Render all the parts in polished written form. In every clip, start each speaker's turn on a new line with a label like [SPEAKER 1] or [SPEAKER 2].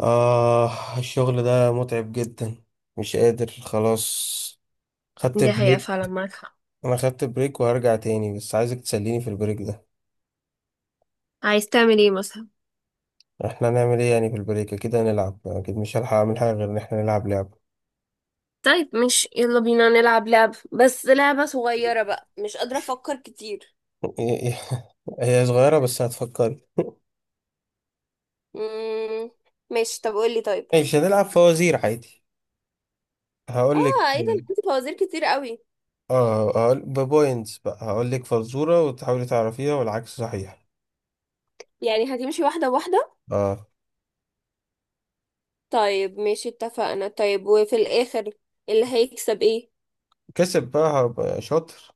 [SPEAKER 1] آه، الشغل ده متعب جدا. مش قادر خلاص. خدت
[SPEAKER 2] دي حقيقة
[SPEAKER 1] بريك.
[SPEAKER 2] فعلا، معاك حق.
[SPEAKER 1] أنا خدت بريك وهرجع تاني، بس عايزك تسليني في البريك ده.
[SPEAKER 2] عايز تعمل ايه مثلا؟
[SPEAKER 1] احنا هنعمل ايه يعني في البريك؟ اكيد هنلعب، اكيد مش هلحق اعمل حاجة غير ان احنا نلعب لعبة.
[SPEAKER 2] طيب مش يلا بينا نلعب لعبة؟ بس لعبة صغيرة بقى، مش قادرة أفكر كتير.
[SPEAKER 1] هي هي صغيرة بس هتفكري.
[SPEAKER 2] مم. ماشي، طب قولي طيب.
[SPEAKER 1] مش هنلعب فوازير عادي؟
[SPEAKER 2] اه
[SPEAKER 1] هقول لك.
[SPEAKER 2] ايه ده، أنا عندي فوازير كتير قوي.
[SPEAKER 1] اه، هقول ببوينتس بقى. هقول لك فزورة وتحاولي تعرفيها والعكس صحيح.
[SPEAKER 2] يعني هتمشي واحدة واحدة؟
[SPEAKER 1] اه.
[SPEAKER 2] طيب ماشي اتفقنا. طيب وفي الآخر اللي هيكسب ايه؟
[SPEAKER 1] كسب بقى هبقى شاطر.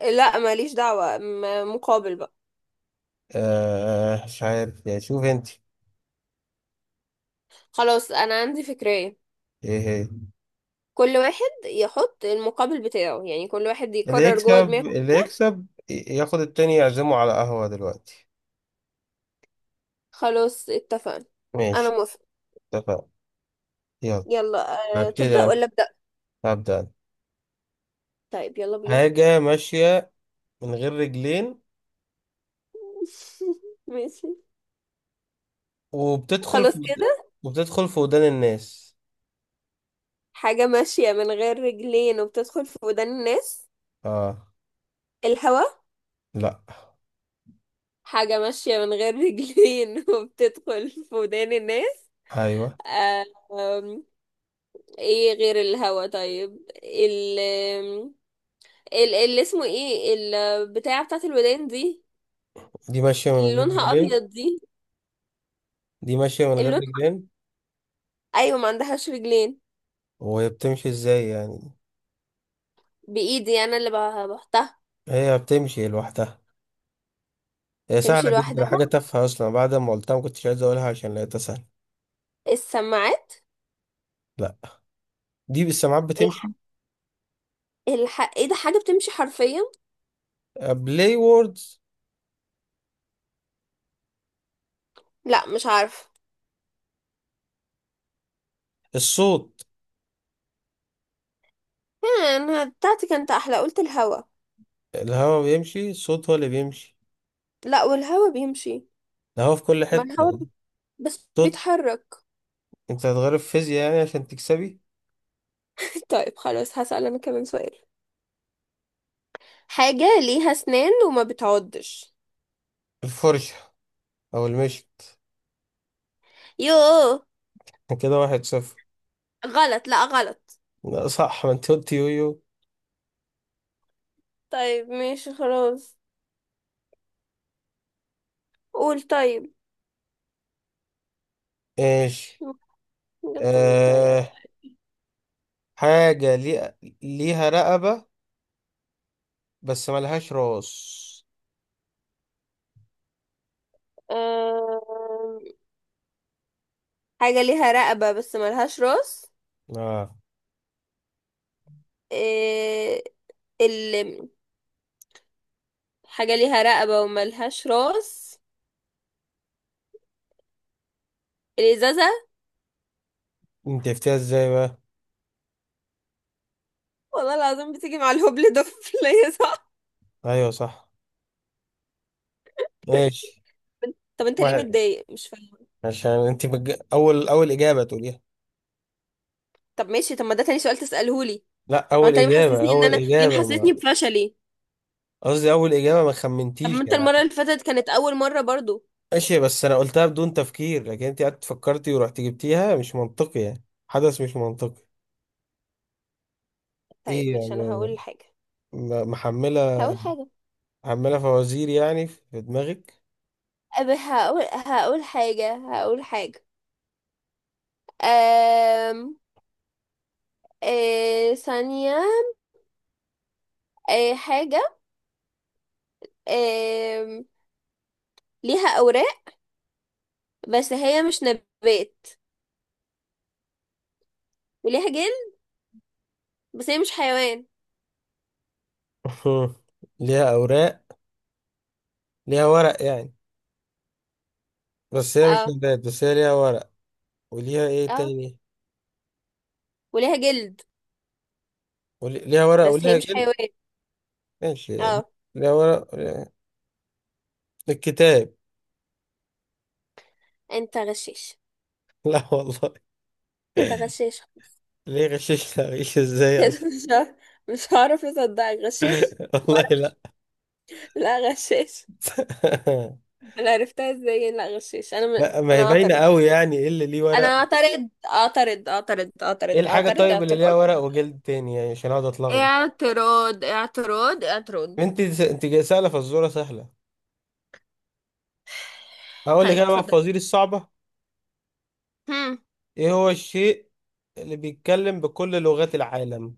[SPEAKER 2] لا ماليش دعوة، مقابل بقى.
[SPEAKER 1] آه، مش عارف يعني، شوف انت.
[SPEAKER 2] خلاص أنا عندي فكرة.
[SPEAKER 1] ايه هي؟
[SPEAKER 2] كل واحد يحط المقابل بتاعه، يعني كل واحد
[SPEAKER 1] اللي
[SPEAKER 2] يقرر جوه
[SPEAKER 1] يكسب،
[SPEAKER 2] دماغه.
[SPEAKER 1] اللي يكسب ياخد التاني يعزمه على قهوة دلوقتي.
[SPEAKER 2] خلاص اتفقنا. أنا
[SPEAKER 1] ماشي،
[SPEAKER 2] موافقة.
[SPEAKER 1] اتفقنا. يلا.
[SPEAKER 2] يلا. أه،
[SPEAKER 1] هبتدي
[SPEAKER 2] تبدأ
[SPEAKER 1] أنا.
[SPEAKER 2] ولا أبدأ؟
[SPEAKER 1] هبدأ أنا.
[SPEAKER 2] طيب يلا بينا.
[SPEAKER 1] حاجة ماشية من غير رجلين،
[SPEAKER 2] ماشي.
[SPEAKER 1] وبتدخل في
[SPEAKER 2] خلاص كده.
[SPEAKER 1] وبتدخل في ودان الناس.
[SPEAKER 2] حاجة ماشية من غير رجلين وبتدخل في ودان الناس.
[SPEAKER 1] اه.
[SPEAKER 2] الهوا.
[SPEAKER 1] لا.
[SPEAKER 2] حاجة ماشية من غير رجلين وبتدخل في ودان الناس.
[SPEAKER 1] ايوه.
[SPEAKER 2] أه. آم، ايه غير الهوا؟ طيب ال آم، ال اللي اسمه ايه، البتاعة بتاعت الودان دي،
[SPEAKER 1] دي ماشية من
[SPEAKER 2] اللي
[SPEAKER 1] غير
[SPEAKER 2] لونها
[SPEAKER 1] رجلين.
[SPEAKER 2] ابيض دي.
[SPEAKER 1] دي ماشية من غير
[SPEAKER 2] اللون.
[SPEAKER 1] رجلين.
[SPEAKER 2] ايوه، ما عندهاش رجلين.
[SPEAKER 1] وهي بتمشي ازاي يعني؟
[SPEAKER 2] بايدي انا اللي بحطها.
[SPEAKER 1] هي بتمشي لوحدها. هي
[SPEAKER 2] تمشي
[SPEAKER 1] سهلة
[SPEAKER 2] لوحدها.
[SPEAKER 1] جدا، حاجة تافهة أصلا. بعد ما قلتها ما كنتش عايز أقولها عشان لقيتها سهلة.
[SPEAKER 2] السماعات.
[SPEAKER 1] لا، دي بالسماعات بتمشي.
[SPEAKER 2] ايه ده، حاجة بتمشي حرفيا؟
[SPEAKER 1] بلاي ووردز.
[SPEAKER 2] لا مش عارفة.
[SPEAKER 1] الصوت.
[SPEAKER 2] كان بتاعتي كانت احلى، قلت الهوا.
[SPEAKER 1] الهواء بيمشي، الصوت هو اللي بيمشي.
[SPEAKER 2] لا والهوا بيمشي.
[SPEAKER 1] الهواء في كل
[SPEAKER 2] ما الهوا
[SPEAKER 1] حتة.
[SPEAKER 2] بس
[SPEAKER 1] الصوت.
[SPEAKER 2] بيتحرك.
[SPEAKER 1] انت هتغير في فيزياء يعني عشان تكسبي؟
[SPEAKER 2] طيب خلاص، هسأل انا كمان سؤال. حاجة ليها اسنان وما بتعضش.
[SPEAKER 1] الفرشة. او المشط.
[SPEAKER 2] يوه.
[SPEAKER 1] كده واحد صفر.
[SPEAKER 2] غلط، لا غلط.
[SPEAKER 1] لا، صح، ما انت قلت يويو.
[SPEAKER 2] طيب ماشي خلاص. قول طيب.
[SPEAKER 1] ايش؟
[SPEAKER 2] جبت متضايقة.
[SPEAKER 1] آه. حاجة ليها رقبة بس ملهاش راس.
[SPEAKER 2] أم... حاجة ليها رقبة بس ملهاش راس.
[SPEAKER 1] اه.
[SPEAKER 2] إيه... ال... حاجة ليها رقبة وملهاش راس. الإزازة.
[SPEAKER 1] انت عرفتيها ازاي بقى؟
[SPEAKER 2] والله العظيم بتيجي مع الهبل ده في ليا صح.
[SPEAKER 1] ايوه، صح. ماشي.
[SPEAKER 2] طب انت ليه
[SPEAKER 1] واحد.
[SPEAKER 2] متضايق، مش فاهم.
[SPEAKER 1] عشان انت بج... اول اول اجابة تقوليها.
[SPEAKER 2] طب ماشي، طب ما ده تاني سؤال تسأله لي.
[SPEAKER 1] لا،
[SPEAKER 2] هو
[SPEAKER 1] اول
[SPEAKER 2] انت ليه
[SPEAKER 1] اجابة،
[SPEAKER 2] محسسني ان
[SPEAKER 1] اول
[SPEAKER 2] انا، ليه
[SPEAKER 1] اجابة
[SPEAKER 2] محسسني
[SPEAKER 1] ما...
[SPEAKER 2] بفشلي؟
[SPEAKER 1] قصدي اول اجابة ما
[SPEAKER 2] طب
[SPEAKER 1] خمنتيش
[SPEAKER 2] ما انت المرة
[SPEAKER 1] يعني.
[SPEAKER 2] اللي فاتت كانت اول مرة برضو.
[SPEAKER 1] ماشي، بس انا قلتها بدون تفكير، لكن انت قعدت فكرتي ورحت جبتيها. مش منطقي يعني، حدث مش منطقي.
[SPEAKER 2] طيب
[SPEAKER 1] ايه
[SPEAKER 2] ماشي، انا
[SPEAKER 1] يعني؟
[SPEAKER 2] هقول حاجة.
[SPEAKER 1] محملة،
[SPEAKER 2] هقول حاجة.
[SPEAKER 1] محملة فوازير يعني في دماغك.
[SPEAKER 2] هقول حاجة. هقول حاجة. أم... ثانية. حاجة. أم... ليها أوراق بس هي مش نبات، وليها جلد بس هي مش حيوان.
[SPEAKER 1] ليها اوراق. ليها ورق يعني. بس هي مش
[SPEAKER 2] اه.
[SPEAKER 1] نبات، بس هي ليها ورق. وليها ايه
[SPEAKER 2] اه
[SPEAKER 1] تاني؟
[SPEAKER 2] وليها جلد
[SPEAKER 1] ليها ورق
[SPEAKER 2] بس هي
[SPEAKER 1] وليها
[SPEAKER 2] مش
[SPEAKER 1] جلد.
[SPEAKER 2] حيوان.
[SPEAKER 1] ماشي.
[SPEAKER 2] اه.
[SPEAKER 1] ليها ورق وليها. الكتاب.
[SPEAKER 2] انت غشيش.
[SPEAKER 1] لا والله.
[SPEAKER 2] انت غشيش خلاص.
[SPEAKER 1] ليه غششنا؟ غش ازاي
[SPEAKER 2] كده
[SPEAKER 1] اصلا؟
[SPEAKER 2] مش هعرف. مش هعرف اصدقك، غشيش.
[SPEAKER 1] والله
[SPEAKER 2] مرة.
[SPEAKER 1] لا.
[SPEAKER 2] لا غشيش. انا عرفتها ازاي، لا غشيش. انا
[SPEAKER 1] لا، ما
[SPEAKER 2] انا
[SPEAKER 1] هي باينة
[SPEAKER 2] اعترض.
[SPEAKER 1] قوي. يعني ايه اللي ليه
[SPEAKER 2] انا
[SPEAKER 1] ورق؟
[SPEAKER 2] اعترض اعترض اعترض
[SPEAKER 1] ايه
[SPEAKER 2] اعترض
[SPEAKER 1] الحاجة
[SPEAKER 2] اعترض
[SPEAKER 1] طيب اللي ليها
[SPEAKER 2] اعتراض
[SPEAKER 1] ورق وجلد تاني، يعني عشان اقعد اتلخبط؟
[SPEAKER 2] اعتراض اعتراض اعتراض.
[SPEAKER 1] انت جاي سهلة فالزورة سهلة. هقول لك
[SPEAKER 2] طيب
[SPEAKER 1] انا بقى
[SPEAKER 2] اتفضل.
[SPEAKER 1] الفوازير الصعبة.
[SPEAKER 2] هم.
[SPEAKER 1] ايه هو الشيء اللي بيتكلم بكل لغات العالم؟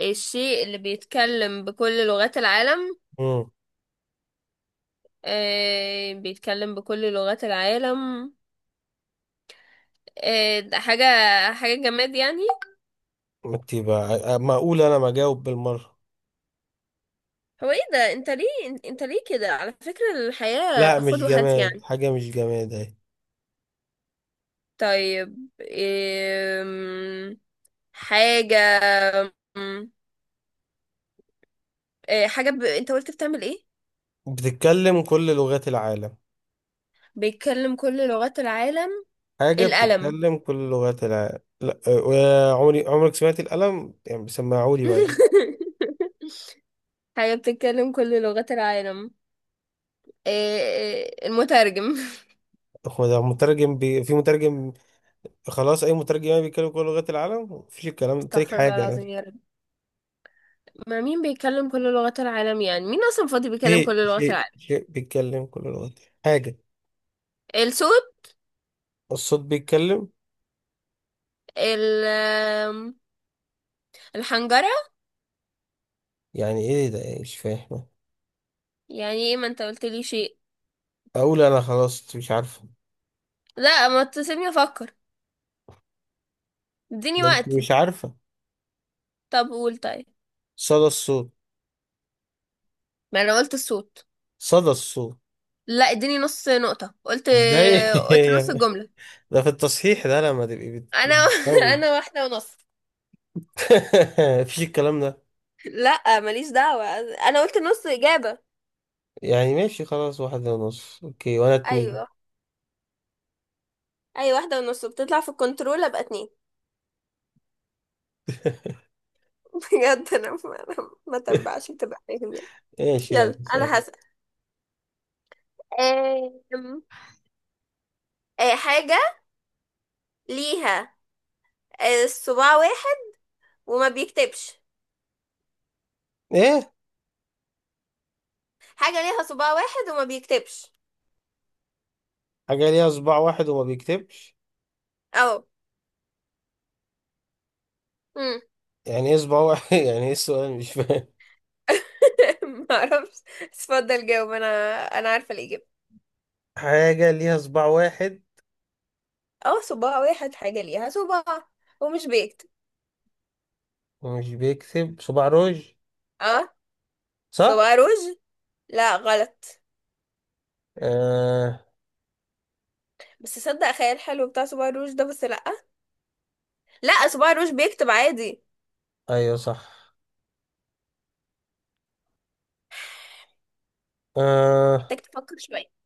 [SPEAKER 2] الشيء اللي بيتكلم بكل لغات العالم.
[SPEAKER 1] امم.
[SPEAKER 2] بيتكلم بكل لغات العالم. ده حاجة، حاجة جماد يعني؟
[SPEAKER 1] انت بقى، ما اقول انا ما اجاوب بالمرة.
[SPEAKER 2] هو ايه ده، انت ليه؟ انت ليه كده؟ على فكرة الحياة
[SPEAKER 1] لا،
[SPEAKER 2] خد
[SPEAKER 1] مش
[SPEAKER 2] وهات
[SPEAKER 1] جماد،
[SPEAKER 2] يعني.
[SPEAKER 1] حاجة مش جماد اهي.
[SPEAKER 2] طيب إيه؟ حاجة، أم، إيه حاجة انت قلت بتعمل ايه؟
[SPEAKER 1] بتتكلم كل لغات العالم.
[SPEAKER 2] بيتكلم كل لغات العالم.
[SPEAKER 1] حاجة
[SPEAKER 2] القلم.
[SPEAKER 1] بتتكلم كل لغات العالم. لا، آه، عمري عمرك سمعت القلم؟ يعني بيسمعوا لي بقى.
[SPEAKER 2] حاجة بتتكلم كل لغات العالم، إيه، إيه المترجم؟
[SPEAKER 1] هو ده مترجم، في مترجم؟ خلاص، أي مترجم يعني بيتكلم كل لغات العالم؟ مفيش الكلام تريك
[SPEAKER 2] استغفر الله
[SPEAKER 1] حاجة.
[SPEAKER 2] العظيم يا رب، ما مين بيتكلم كل لغات العالم؟ يعني مين اصلا فاضي بيتكلم
[SPEAKER 1] شيء
[SPEAKER 2] كل لغات
[SPEAKER 1] شيء
[SPEAKER 2] العالم؟
[SPEAKER 1] شيء بيتكلم كل لغات. حاجة.
[SPEAKER 2] الصوت.
[SPEAKER 1] الصوت بيتكلم.
[SPEAKER 2] ال- آم، الحنجرة.
[SPEAKER 1] يعني إيه ده؟ إيه؟ مش فاهم.
[SPEAKER 2] يعني ايه، ما انت قلت لي شيء؟
[SPEAKER 1] أقول أنا، خلاص أنت مش عارفة.
[SPEAKER 2] لا ما تسيبني افكر، اديني
[SPEAKER 1] ده أنت مش
[SPEAKER 2] وقتي.
[SPEAKER 1] عارفة.
[SPEAKER 2] طب قول طيب.
[SPEAKER 1] صدى الصوت.
[SPEAKER 2] ما انا قلت الصوت.
[SPEAKER 1] صدى الصوت.
[SPEAKER 2] لا اديني نص نقطة. قلت
[SPEAKER 1] ازاي؟
[SPEAKER 2] قلت نص الجملة.
[SPEAKER 1] ده في التصحيح ده لما تبقي
[SPEAKER 2] انا
[SPEAKER 1] بتجاوبي.
[SPEAKER 2] انا واحدة ونص.
[SPEAKER 1] مفيش الكلام ده.
[SPEAKER 2] لا ماليش دعوة، انا قلت نص اجابة.
[SPEAKER 1] يعني ماشي خلاص، واحد ونص اوكي وانا اتنين.
[SPEAKER 2] ايوه. اي واحدة ونص بتطلع في الكنترول، ابقى اتنين. بجد انا ما ما تنبعش، بتبقى فاهم يعني.
[SPEAKER 1] ماشي،
[SPEAKER 2] يلا
[SPEAKER 1] يلا
[SPEAKER 2] انا
[SPEAKER 1] سلام.
[SPEAKER 2] هسأل. آم، آه، حاجة ليها صباع واحد وما بيكتبش.
[SPEAKER 1] ايه؟
[SPEAKER 2] حاجة ليها صباع واحد وما بيكتبش.
[SPEAKER 1] حاجة ليها صباع واحد وما بيكتبش.
[SPEAKER 2] اه. امم
[SPEAKER 1] يعني ايه صباع واحد؟ يعني ايه السؤال؟ مش فاهم.
[SPEAKER 2] ما اعرفش اتفضل جاوب انا. انا عارفه الاجابه.
[SPEAKER 1] حاجة ليها صباع واحد
[SPEAKER 2] اه صباع واحد، حاجه ليها صباع ومش بيكتب.
[SPEAKER 1] ومش بيكتب. صباع روج.
[SPEAKER 2] اه
[SPEAKER 1] صح؟
[SPEAKER 2] صباع روج. لا غلط.
[SPEAKER 1] آه...
[SPEAKER 2] بس صدق خيال حلو بتاع صباع روج ده، بس لا. لا صباع روج بيكتب عادي.
[SPEAKER 1] ايوه صح.
[SPEAKER 2] محتاج
[SPEAKER 1] آه...
[SPEAKER 2] تفكر شويه.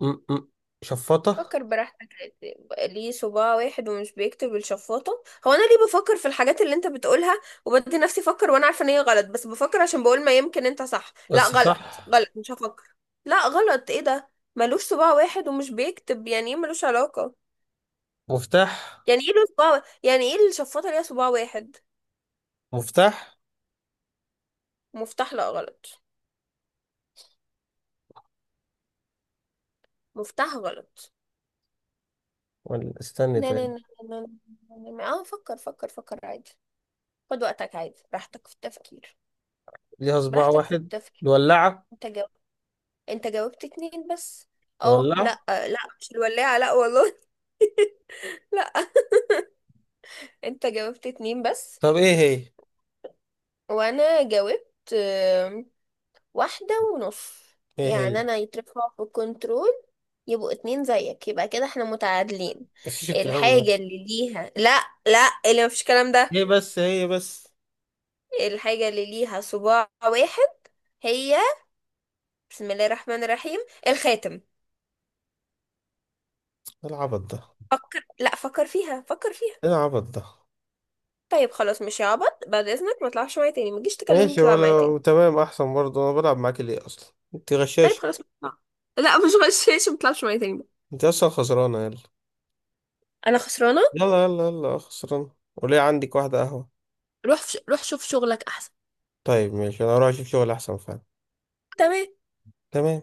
[SPEAKER 1] م -م. شفاطة.
[SPEAKER 2] فكر براحتك عادي. ليه صباع واحد ومش بيكتب بالشفاطة؟ هو انا ليه بفكر في الحاجات اللي انت بتقولها وبدي نفسي افكر وانا عارفة ان هي غلط، بس بفكر عشان بقول ما يمكن انت صح. لا
[SPEAKER 1] بس
[SPEAKER 2] غلط
[SPEAKER 1] صح.
[SPEAKER 2] غلط، مش هفكر. لا غلط، ايه ده؟ ملوش صباع واحد ومش بيكتب، يعني ايه؟ ملوش علاقة.
[SPEAKER 1] مفتاح.
[SPEAKER 2] يعني ايه له صباع يعني ايه الشفاطة ليها صباع واحد؟
[SPEAKER 1] مفتاح.
[SPEAKER 2] مفتاح، لا غلط. مفتاح غلط.
[SPEAKER 1] ولا استني
[SPEAKER 2] لا لا
[SPEAKER 1] طيب.
[SPEAKER 2] لا. لا. لا لا. اه فكر فكر فكر عادي. خد وقتك عادي، براحتك في التفكير.
[SPEAKER 1] ليها صباع
[SPEAKER 2] براحتك في
[SPEAKER 1] واحد.
[SPEAKER 2] التفكير.
[SPEAKER 1] الولاعة.
[SPEAKER 2] انت انت جاوبت اتنين بس. اه
[SPEAKER 1] الولاعة.
[SPEAKER 2] لا لا مش الولاعة، لا والله. لا. انت جاوبت اتنين بس.
[SPEAKER 1] طب ايه هي؟
[SPEAKER 2] وانا جاوبت واحدة ونص.
[SPEAKER 1] ايه هي؟
[SPEAKER 2] يعني انا يترفع في الكنترول يبقوا اتنين زيك، يبقى كده احنا متعادلين.
[SPEAKER 1] مفيش الكلام ده.
[SPEAKER 2] الحاجة اللي ليها، لا لا، اللي مفيش الكلام ده.
[SPEAKER 1] ايه بس هي بس.
[SPEAKER 2] الحاجة اللي ليها صباع واحد هي، بسم الله الرحمن الرحيم، الخاتم.
[SPEAKER 1] إيه العبط ده؟
[SPEAKER 2] فكر، لا فكر فيها فكر فيها.
[SPEAKER 1] ايه العبط ده؟
[SPEAKER 2] طيب خلاص مش هعبط بعد اذنك، ما تطلعش معايا تاني، ما تجيش تكلمني،
[SPEAKER 1] ماشي،
[SPEAKER 2] تطلع معايا تاني.
[SPEAKER 1] ولا تمام احسن برضه. انا بلعب معاك ليه اصلا؟ انت
[SPEAKER 2] طيب
[SPEAKER 1] غشاش.
[SPEAKER 2] خلاص مطلع. لا مش غشاش، ما تطلعش معايا تاني بقى.
[SPEAKER 1] انت اصلا خسرانة. يلا.
[SPEAKER 2] انا خسرانه.
[SPEAKER 1] يلا يلا يلا. خسرانة وليه عندك واحدة قهوة؟
[SPEAKER 2] روح شوف شغلك احسن.
[SPEAKER 1] طيب ماشي، انا اروح اشوف شغل احسن فعلا.
[SPEAKER 2] تمام.
[SPEAKER 1] تمام.